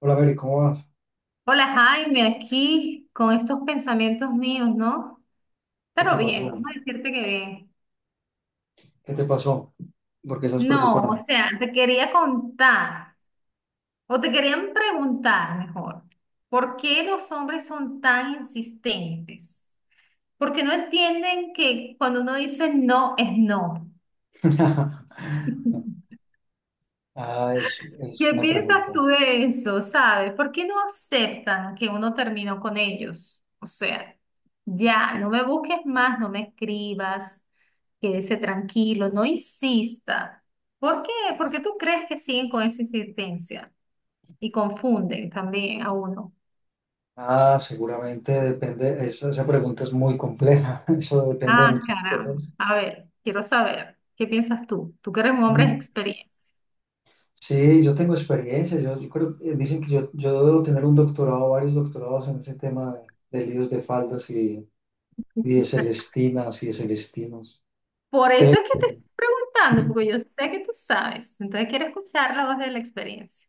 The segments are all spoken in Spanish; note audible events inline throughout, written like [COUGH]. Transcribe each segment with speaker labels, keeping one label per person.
Speaker 1: Hola, Mary, ¿cómo vas?
Speaker 2: Hola, Jaime, aquí con estos pensamientos míos, ¿no?
Speaker 1: ¿Qué
Speaker 2: Pero
Speaker 1: te
Speaker 2: bien,
Speaker 1: pasó?
Speaker 2: vamos a decirte que bien.
Speaker 1: ¿Qué te pasó? ¿Por qué estás
Speaker 2: No,
Speaker 1: preocupada?
Speaker 2: o sea, te quería contar, o te querían preguntar mejor, ¿por qué los hombres son tan insistentes? Porque no entienden que cuando uno dice no es no.
Speaker 1: [LAUGHS]
Speaker 2: [LAUGHS]
Speaker 1: Ah, es
Speaker 2: ¿Qué
Speaker 1: una
Speaker 2: piensas
Speaker 1: pregunta.
Speaker 2: tú de eso? ¿Sabes? ¿Por qué no aceptan que uno terminó con ellos? O sea, ya, no me busques más, no me escribas, quédese tranquilo, no insista. ¿Por qué? ¿Por qué tú crees que siguen con esa insistencia? Y confunden también a uno.
Speaker 1: Ah, seguramente depende, esa pregunta es muy compleja, [LAUGHS] eso depende de
Speaker 2: Ah,
Speaker 1: muchas cosas.
Speaker 2: caramba. A ver, quiero saber, ¿qué piensas tú? Tú que eres un hombre de
Speaker 1: Mm.
Speaker 2: experiencia.
Speaker 1: Sí, yo tengo experiencia, yo creo, dicen que yo debo tener un doctorado, varios doctorados en ese tema de líos de faldas y de celestinas y de celestinos.
Speaker 2: Por eso es que te estoy preguntando, porque yo sé que tú sabes. Entonces quiero escuchar la voz de la experiencia.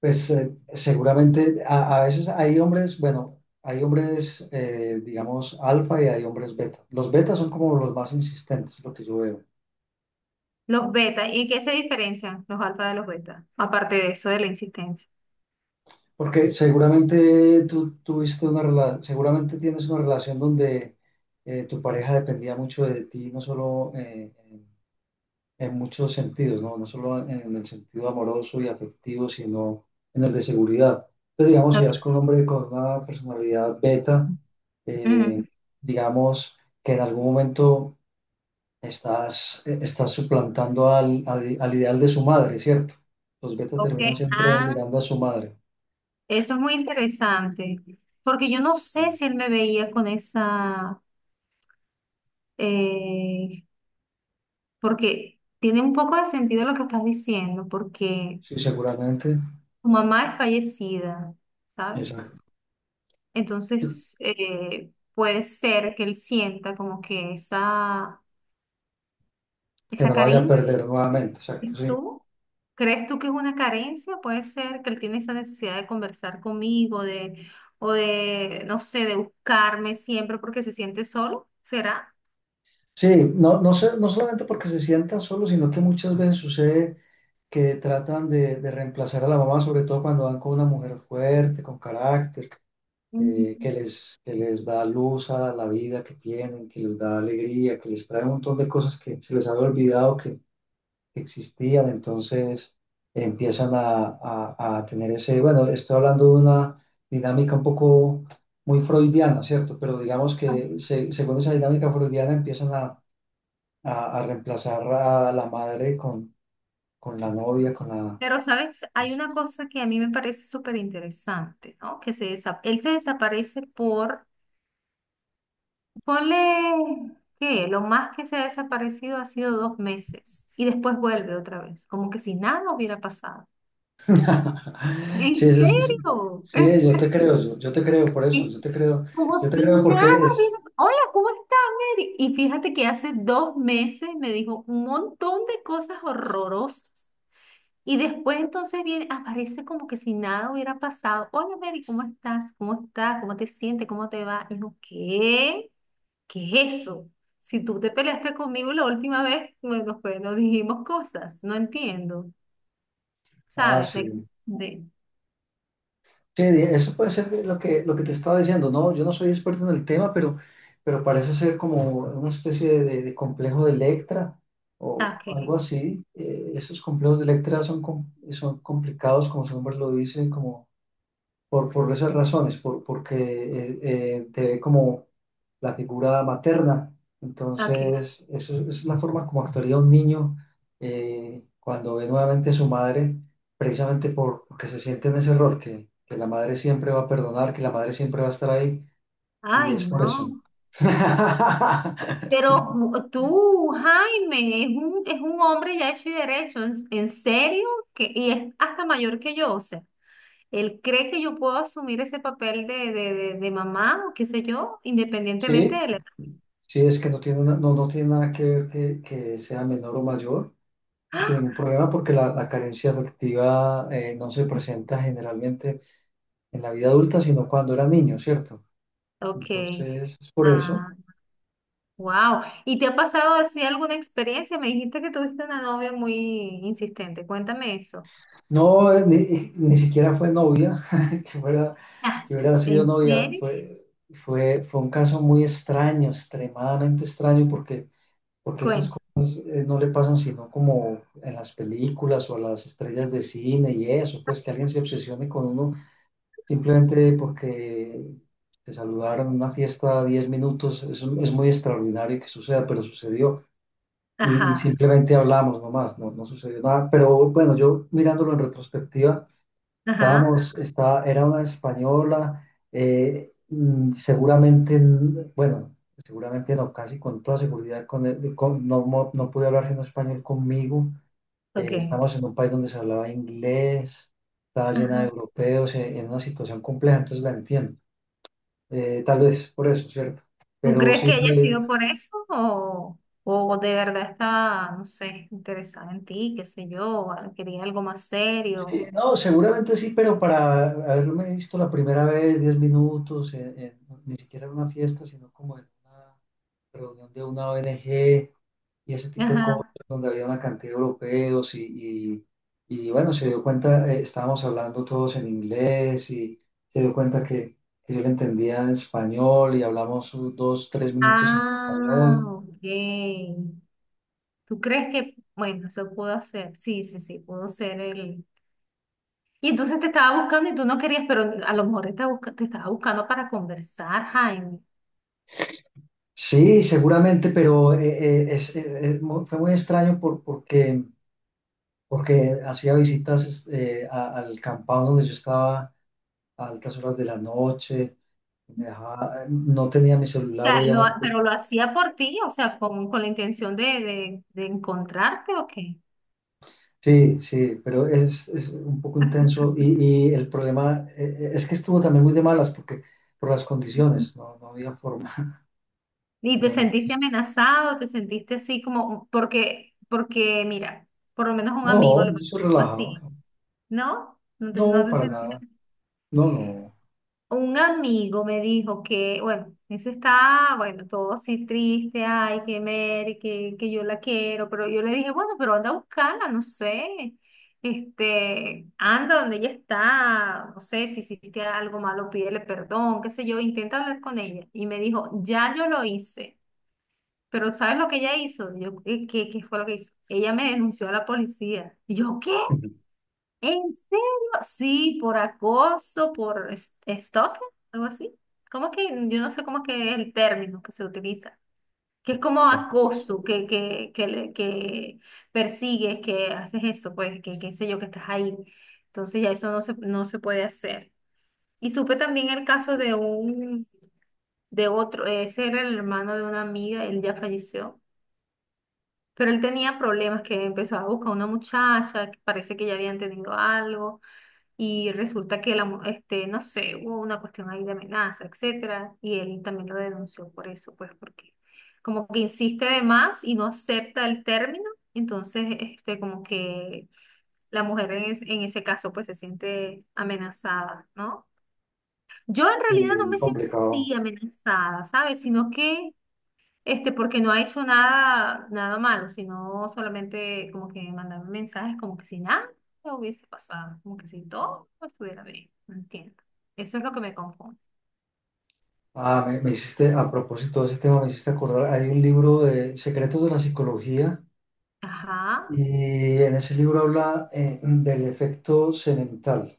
Speaker 1: Pues seguramente a veces hay hombres, bueno, hay hombres, digamos, alfa y hay hombres beta. Los betas son como los más insistentes, lo que yo veo.
Speaker 2: Los beta, ¿y qué se diferencian los alfa de los beta? Aparte de eso, de la insistencia.
Speaker 1: Porque seguramente tú tuviste una relación, seguramente tienes una relación donde tu pareja dependía mucho de ti, no solo en muchos sentidos, ¿no? No solo en el sentido amoroso y afectivo, sino en el de seguridad. Entonces, digamos, si
Speaker 2: Ok.
Speaker 1: das con un hombre con una personalidad beta, eh,
Speaker 2: Ujú.
Speaker 1: digamos que en algún momento estás suplantando al ideal de su madre, ¿cierto? Los betas
Speaker 2: Ok,
Speaker 1: terminan siempre
Speaker 2: ah,
Speaker 1: mirando a su madre.
Speaker 2: eso es muy interesante, porque yo no sé si él me veía con esa, eh, porque tiene un poco de sentido lo que estás diciendo, porque
Speaker 1: Sí, seguramente.
Speaker 2: tu mamá es fallecida, ¿sabes?
Speaker 1: Exacto.
Speaker 2: Entonces, puede ser que él sienta como que
Speaker 1: Que
Speaker 2: esa
Speaker 1: no lo vaya a
Speaker 2: carencia.
Speaker 1: perder nuevamente, exacto, sí.
Speaker 2: ¿Tú crees tú que es una carencia? Puede ser que él tiene esa necesidad de conversar conmigo, o de, no sé, de buscarme siempre porque se siente solo, ¿será?
Speaker 1: Sí, no, no sé, no solamente porque se sientan solos, sino que muchas veces sucede que tratan de reemplazar a la mamá, sobre todo cuando van con una mujer fuerte, con carácter,
Speaker 2: Mm.
Speaker 1: que les da luz a la vida que tienen, que les da alegría, que les trae un montón de cosas que se les había olvidado que existían, entonces empiezan a tener ese, bueno, estoy hablando de una dinámica un poco muy freudiana, ¿cierto? Pero digamos que según esa dinámica freudiana empiezan a reemplazar a la madre con la novia, con la
Speaker 2: Pero, ¿sabes? Hay una cosa que a mí me parece súper interesante, ¿no? Que él se desaparece por, ponle, ¿qué? Lo más que se ha desaparecido ha sido dos meses y después vuelve otra vez, como que si nada hubiera pasado.
Speaker 1: [LAUGHS] Sí,
Speaker 2: ¿En serio?
Speaker 1: sí, yo te creo, yo te creo por eso,
Speaker 2: [LAUGHS] Como
Speaker 1: yo te
Speaker 2: si
Speaker 1: creo
Speaker 2: nada,
Speaker 1: porque es,
Speaker 2: dijo, hola, ¿cómo estás, Mary? Y fíjate que hace dos meses me dijo un montón de cosas horrorosas. Y después entonces viene, aparece como que si nada hubiera pasado. Hola, Mary, ¿cómo estás? ¿Cómo estás? ¿Cómo te sientes? ¿Cómo te va? Y yo, ¿qué? ¿Qué es eso? Si tú te peleaste conmigo la última vez, bueno, pues nos dijimos cosas. No entiendo.
Speaker 1: ah,
Speaker 2: ¿Sabes? De,
Speaker 1: sí,
Speaker 2: de,
Speaker 1: sí, eso puede ser lo que te estaba diciendo, no, yo no soy experto en el tema, pero parece ser como una especie de, de complejo de Electra
Speaker 2: ah,
Speaker 1: o
Speaker 2: ok,
Speaker 1: algo así. Esos complejos de Electra son, son complicados, como su nombre lo dice, como. Por esas razones, porque te ve como la figura materna.
Speaker 2: ok.
Speaker 1: Entonces, eso es la forma como actuaría un niño cuando ve nuevamente a su madre, precisamente porque se siente en ese error, que la madre siempre va a perdonar, que la madre siempre va a estar ahí, y
Speaker 2: Ay,
Speaker 1: es por eso.
Speaker 2: no.
Speaker 1: [LAUGHS]
Speaker 2: Pero tú, Jaime, es un, hombre ya hecho y derecho, ¿en, serio? Que, y es hasta mayor que yo, o sea, él cree que yo puedo asumir ese papel de mamá o qué sé yo, independientemente
Speaker 1: Sí,
Speaker 2: de la edad.
Speaker 1: sí, es que no tiene, no tiene nada que ver que sea menor o mayor,
Speaker 2: [GASPS]
Speaker 1: no
Speaker 2: ¡Ah!
Speaker 1: tiene ningún problema porque la carencia afectiva no se presenta generalmente en la vida adulta, sino cuando era niño, ¿cierto?
Speaker 2: Ok,
Speaker 1: Entonces, es por eso.
Speaker 2: ah, wow. ¿Y te ha pasado así alguna experiencia? Me dijiste que tuviste una novia muy insistente, cuéntame eso.
Speaker 1: No, ni siquiera fue novia, [LAUGHS] que fuera,
Speaker 2: Ah,
Speaker 1: que hubiera sido
Speaker 2: ¿en
Speaker 1: novia,
Speaker 2: serio?
Speaker 1: fue un caso muy extraño, extremadamente extraño, porque esas
Speaker 2: Cuéntame.
Speaker 1: cosas no le pasan sino como en las películas o a las estrellas de cine y eso, pues que alguien se obsesione con uno simplemente porque se saludaron en una fiesta 10 minutos, es muy extraordinario que suceda, pero sucedió. Y
Speaker 2: Ajá,
Speaker 1: simplemente hablamos nomás, no sucedió nada. Pero bueno, yo mirándolo en retrospectiva,
Speaker 2: ajá,
Speaker 1: era una española, seguramente, bueno, seguramente no, casi con toda seguridad, con, el- con- no, mo- no pude hablar sino español conmigo.
Speaker 2: ok.
Speaker 1: Estábamos en un país donde se hablaba inglés, estaba llena de
Speaker 2: Ajá.
Speaker 1: europeos, una situación compleja, entonces la entiendo. Tal vez por eso, ¿cierto?
Speaker 2: ¿Tú
Speaker 1: Pero
Speaker 2: crees
Speaker 1: sí
Speaker 2: que haya
Speaker 1: fue.
Speaker 2: sido por eso o de verdad está, no sé, interesada en ti, qué sé yo, quería algo más
Speaker 1: Sí,
Speaker 2: serio?
Speaker 1: no, seguramente sí, pero para haberme visto la primera vez, 10 minutos, ni siquiera en una fiesta, sino como en una reunión de una ONG y ese tipo de cosas,
Speaker 2: Ajá.
Speaker 1: donde había una cantidad de europeos y bueno, se dio cuenta, estábamos hablando todos en inglés y se dio cuenta que yo le entendía en español y hablamos unos dos, tres minutos en español.
Speaker 2: Ah, ok. ¿Tú crees que, bueno, eso pudo ser? Sí, sí, sí, pudo ser el... Y entonces te estaba buscando y tú no querías, pero a lo mejor te estaba buscando para conversar, Jaime. O
Speaker 1: Sí, seguramente, pero eh, es, eh, fue muy extraño porque hacía visitas al campado donde yo estaba a altas horas de la noche, no tenía mi celular,
Speaker 2: sea,
Speaker 1: obviamente.
Speaker 2: pero lo hacía por ti, o sea, con la intención de encontrarte o qué.
Speaker 1: Sí, sí, pero es un poco intenso y el problema es que estuvo también muy de malas porque por las condiciones, no había forma, [LAUGHS]
Speaker 2: ¿Y te
Speaker 1: era muy
Speaker 2: sentiste
Speaker 1: difícil.
Speaker 2: amenazado? ¿Te sentiste así como, porque mira, por lo menos un amigo
Speaker 1: No,
Speaker 2: le
Speaker 1: yo
Speaker 2: pasó
Speaker 1: soy
Speaker 2: algo
Speaker 1: relajado,
Speaker 2: así, ¿no? No, no
Speaker 1: no,
Speaker 2: se
Speaker 1: para
Speaker 2: sentía.
Speaker 1: nada, no, no.
Speaker 2: Un amigo me dijo que, bueno, ese está, bueno, todo así triste, ay, que Mary, que yo la quiero, pero yo le dije, bueno, pero anda a buscarla, no sé, este, anda donde ella está, no sé, si hiciste algo malo, pídele perdón, qué sé yo, intenta hablar con ella. Y me dijo, ya yo lo hice. Pero ¿sabes lo que ella hizo? Yo, qué fue lo que hizo? Ella me denunció a la policía. Y yo, ¿qué?
Speaker 1: [LAUGHS]
Speaker 2: ¿En serio? Sí, por acoso, por stalking, algo así. ¿Cómo que? Yo no sé cómo que es el término que se utiliza. Que es como
Speaker 1: Tampoco eso.
Speaker 2: acoso, que persigues, que haces eso, pues, que qué sé yo, que estás ahí. Entonces ya eso no se puede hacer. Y supe también el caso de otro, ese era el hermano de una amiga, él ya falleció. Pero él tenía problemas que empezó a buscar una muchacha, que parece que ya habían tenido algo, y resulta que este, no sé, hubo una cuestión ahí de amenaza, etcétera, y él también lo denunció por eso, pues porque como que insiste de más y no acepta el término, entonces este, como que la mujer en ese caso pues se siente amenazada, ¿no? Yo en
Speaker 1: Sí,
Speaker 2: realidad no
Speaker 1: muy
Speaker 2: me siento
Speaker 1: complicado.
Speaker 2: así amenazada, ¿sabes? Sino que este, porque no ha hecho nada, nada malo, sino solamente como que mandar mensajes como que si nada hubiese pasado, como que si todo estuviera bien, no entiendo. Eso es lo que me confunde.
Speaker 1: Ah, me hiciste, a propósito de ese tema, me hiciste acordar, hay un libro de Secretos de la Psicología.
Speaker 2: Ajá,
Speaker 1: Y en ese libro habla del efecto semental.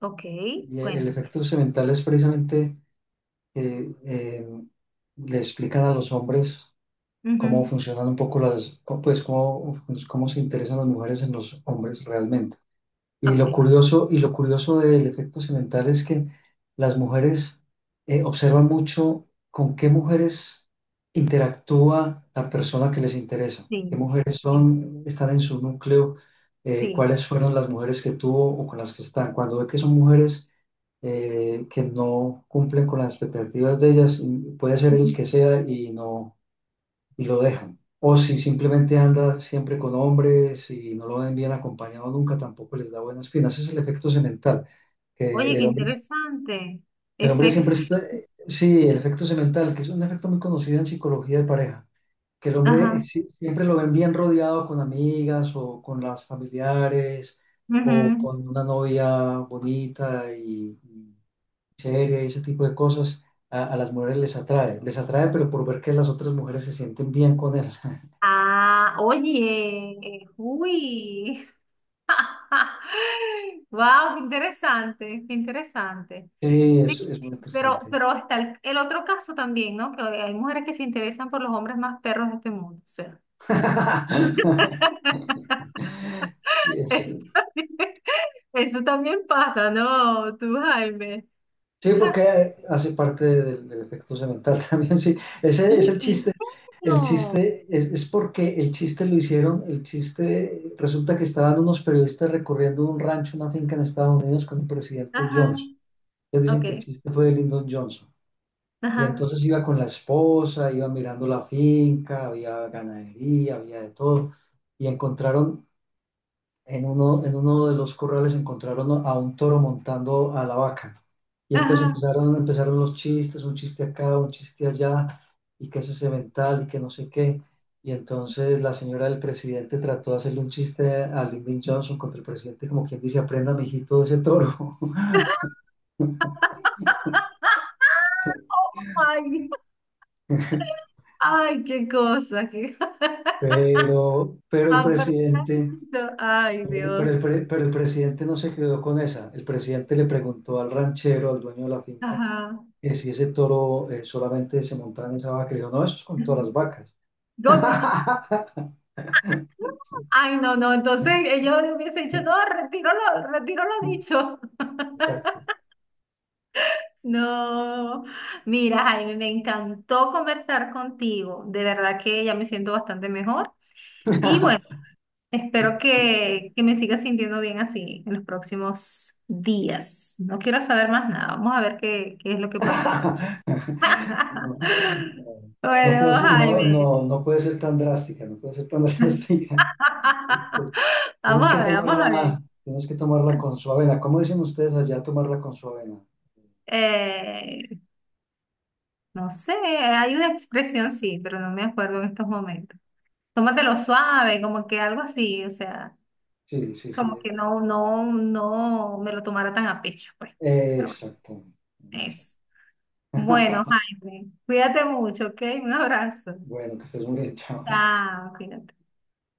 Speaker 2: ok,
Speaker 1: Y el
Speaker 2: cuéntame.
Speaker 1: efecto semental es precisamente que le explican a los hombres cómo
Speaker 2: Ujú.
Speaker 1: funcionan un poco pues cómo se interesan las mujeres en los hombres realmente. Y
Speaker 2: Ok,
Speaker 1: lo curioso, y lo curioso del efecto semental es que las mujeres observan mucho con qué mujeres interactúa la persona que les interesa, qué
Speaker 2: sí,
Speaker 1: mujeres
Speaker 2: sí,
Speaker 1: son, están en su núcleo,
Speaker 2: sí.
Speaker 1: cuáles fueron las mujeres que tuvo o con las que están. Cuando ve que son mujeres que no cumplen con las expectativas de ellas, y puede ser el
Speaker 2: Ujú.
Speaker 1: que sea y no y lo dejan. O si simplemente anda siempre con hombres y no lo ven bien acompañado nunca, tampoco les da buenas espinas. Ese es el efecto semental,
Speaker 2: Oye,
Speaker 1: que
Speaker 2: qué
Speaker 1: el hombre,
Speaker 2: interesante.
Speaker 1: el hombre siempre
Speaker 2: Efectos.
Speaker 1: está, sí, el efecto semental, que es un efecto muy conocido en psicología de pareja, que el hombre
Speaker 2: Ajá.
Speaker 1: siempre lo ven bien rodeado con amigas o con las familiares o
Speaker 2: Ujú.
Speaker 1: con una novia bonita y seria y ese tipo de cosas. A las mujeres les atrae, pero por ver que las otras mujeres se sienten bien con él.
Speaker 2: Ah, oye, uy. [LAUGHS] [LAUGHS] Wow, qué interesante, qué interesante.
Speaker 1: Sí,
Speaker 2: Sí,
Speaker 1: es muy interesante.
Speaker 2: pero está el otro caso también, ¿no? Que hay mujeres que se interesan por los hombres más perros de este mundo. O sea,
Speaker 1: [LAUGHS]
Speaker 2: [LAUGHS]
Speaker 1: Y es-
Speaker 2: eso también, eso también pasa, ¿no? Tú, Jaime.
Speaker 1: sí, porque hace parte del efecto semental [LAUGHS] también, sí. Ese es
Speaker 2: ¿Y
Speaker 1: el
Speaker 2: en
Speaker 1: chiste. El
Speaker 2: serio?
Speaker 1: chiste es porque el chiste lo hicieron, el chiste resulta que estaban unos periodistas recorriendo un rancho, una finca en Estados Unidos con el presidente
Speaker 2: Ajá,
Speaker 1: Johnson. Ellos dicen
Speaker 2: ok,
Speaker 1: que el chiste fue de Lyndon Johnson. Y
Speaker 2: ajá,
Speaker 1: entonces iba con la esposa, iba mirando la finca, había ganadería, había de todo. Y encontraron En uno de los corrales encontraron a un toro montando a la vaca. Y entonces
Speaker 2: ajá.
Speaker 1: empezaron los chistes, un chiste acá, un chiste allá, y que eso es mental, y que no sé qué. Y entonces la señora del presidente trató de hacerle un chiste a Lyndon Johnson contra el presidente, como quien dice, aprenda, mijito, de ese toro. [LAUGHS]
Speaker 2: [LAUGHS] Oh my. Ay, qué cosa, qué. [LAUGHS]
Speaker 1: Pero el
Speaker 2: Aprendo.
Speaker 1: presidente
Speaker 2: Ay, Dios.
Speaker 1: no se quedó con esa. El presidente le preguntó al ranchero, al dueño de la finca,
Speaker 2: Ajá.
Speaker 1: si ese toro solamente se montaba en esa vaca, y yo, no, eso es con todas las vacas.
Speaker 2: Go- [LAUGHS]
Speaker 1: [LAUGHS]
Speaker 2: Ay, no, no. Entonces ellos le hubiese dicho, no, retiro lo dicho. [LAUGHS]
Speaker 1: Exacto.
Speaker 2: No. Mira, Jaime, me encantó conversar contigo. De verdad que ya me siento bastante mejor. Y bueno,
Speaker 1: [LAUGHS]
Speaker 2: espero que me siga sintiendo bien así en los próximos días. No quiero saber más nada. Vamos a ver qué es lo que
Speaker 1: No,
Speaker 2: pasa ahora.
Speaker 1: no,
Speaker 2: [LAUGHS]
Speaker 1: no puede
Speaker 2: Bueno,
Speaker 1: ser, no,
Speaker 2: Jaime.
Speaker 1: no, no puede ser tan drástica, no puede ser tan [LAUGHS]
Speaker 2: [LAUGHS]
Speaker 1: drástica. Este,
Speaker 2: Vamos a ver, vamos a ver.
Speaker 1: Tienes que tomarla con su avena. ¿Cómo dicen ustedes allá tomarla con su avena?
Speaker 2: Eh, no sé, hay una expresión, sí, pero no me acuerdo en estos momentos. Tómatelo suave, como que algo así, o sea,
Speaker 1: Sí, sí, sí.
Speaker 2: como que no me lo tomara tan a pecho, pues. Pero bueno,
Speaker 1: Exacto.
Speaker 2: eso. Bueno,
Speaker 1: [LAUGHS]
Speaker 2: Jaime, cuídate mucho, ¿ok? Un abrazo.
Speaker 1: Bueno, que estés muy bien, chao.
Speaker 2: Chao, cuídate.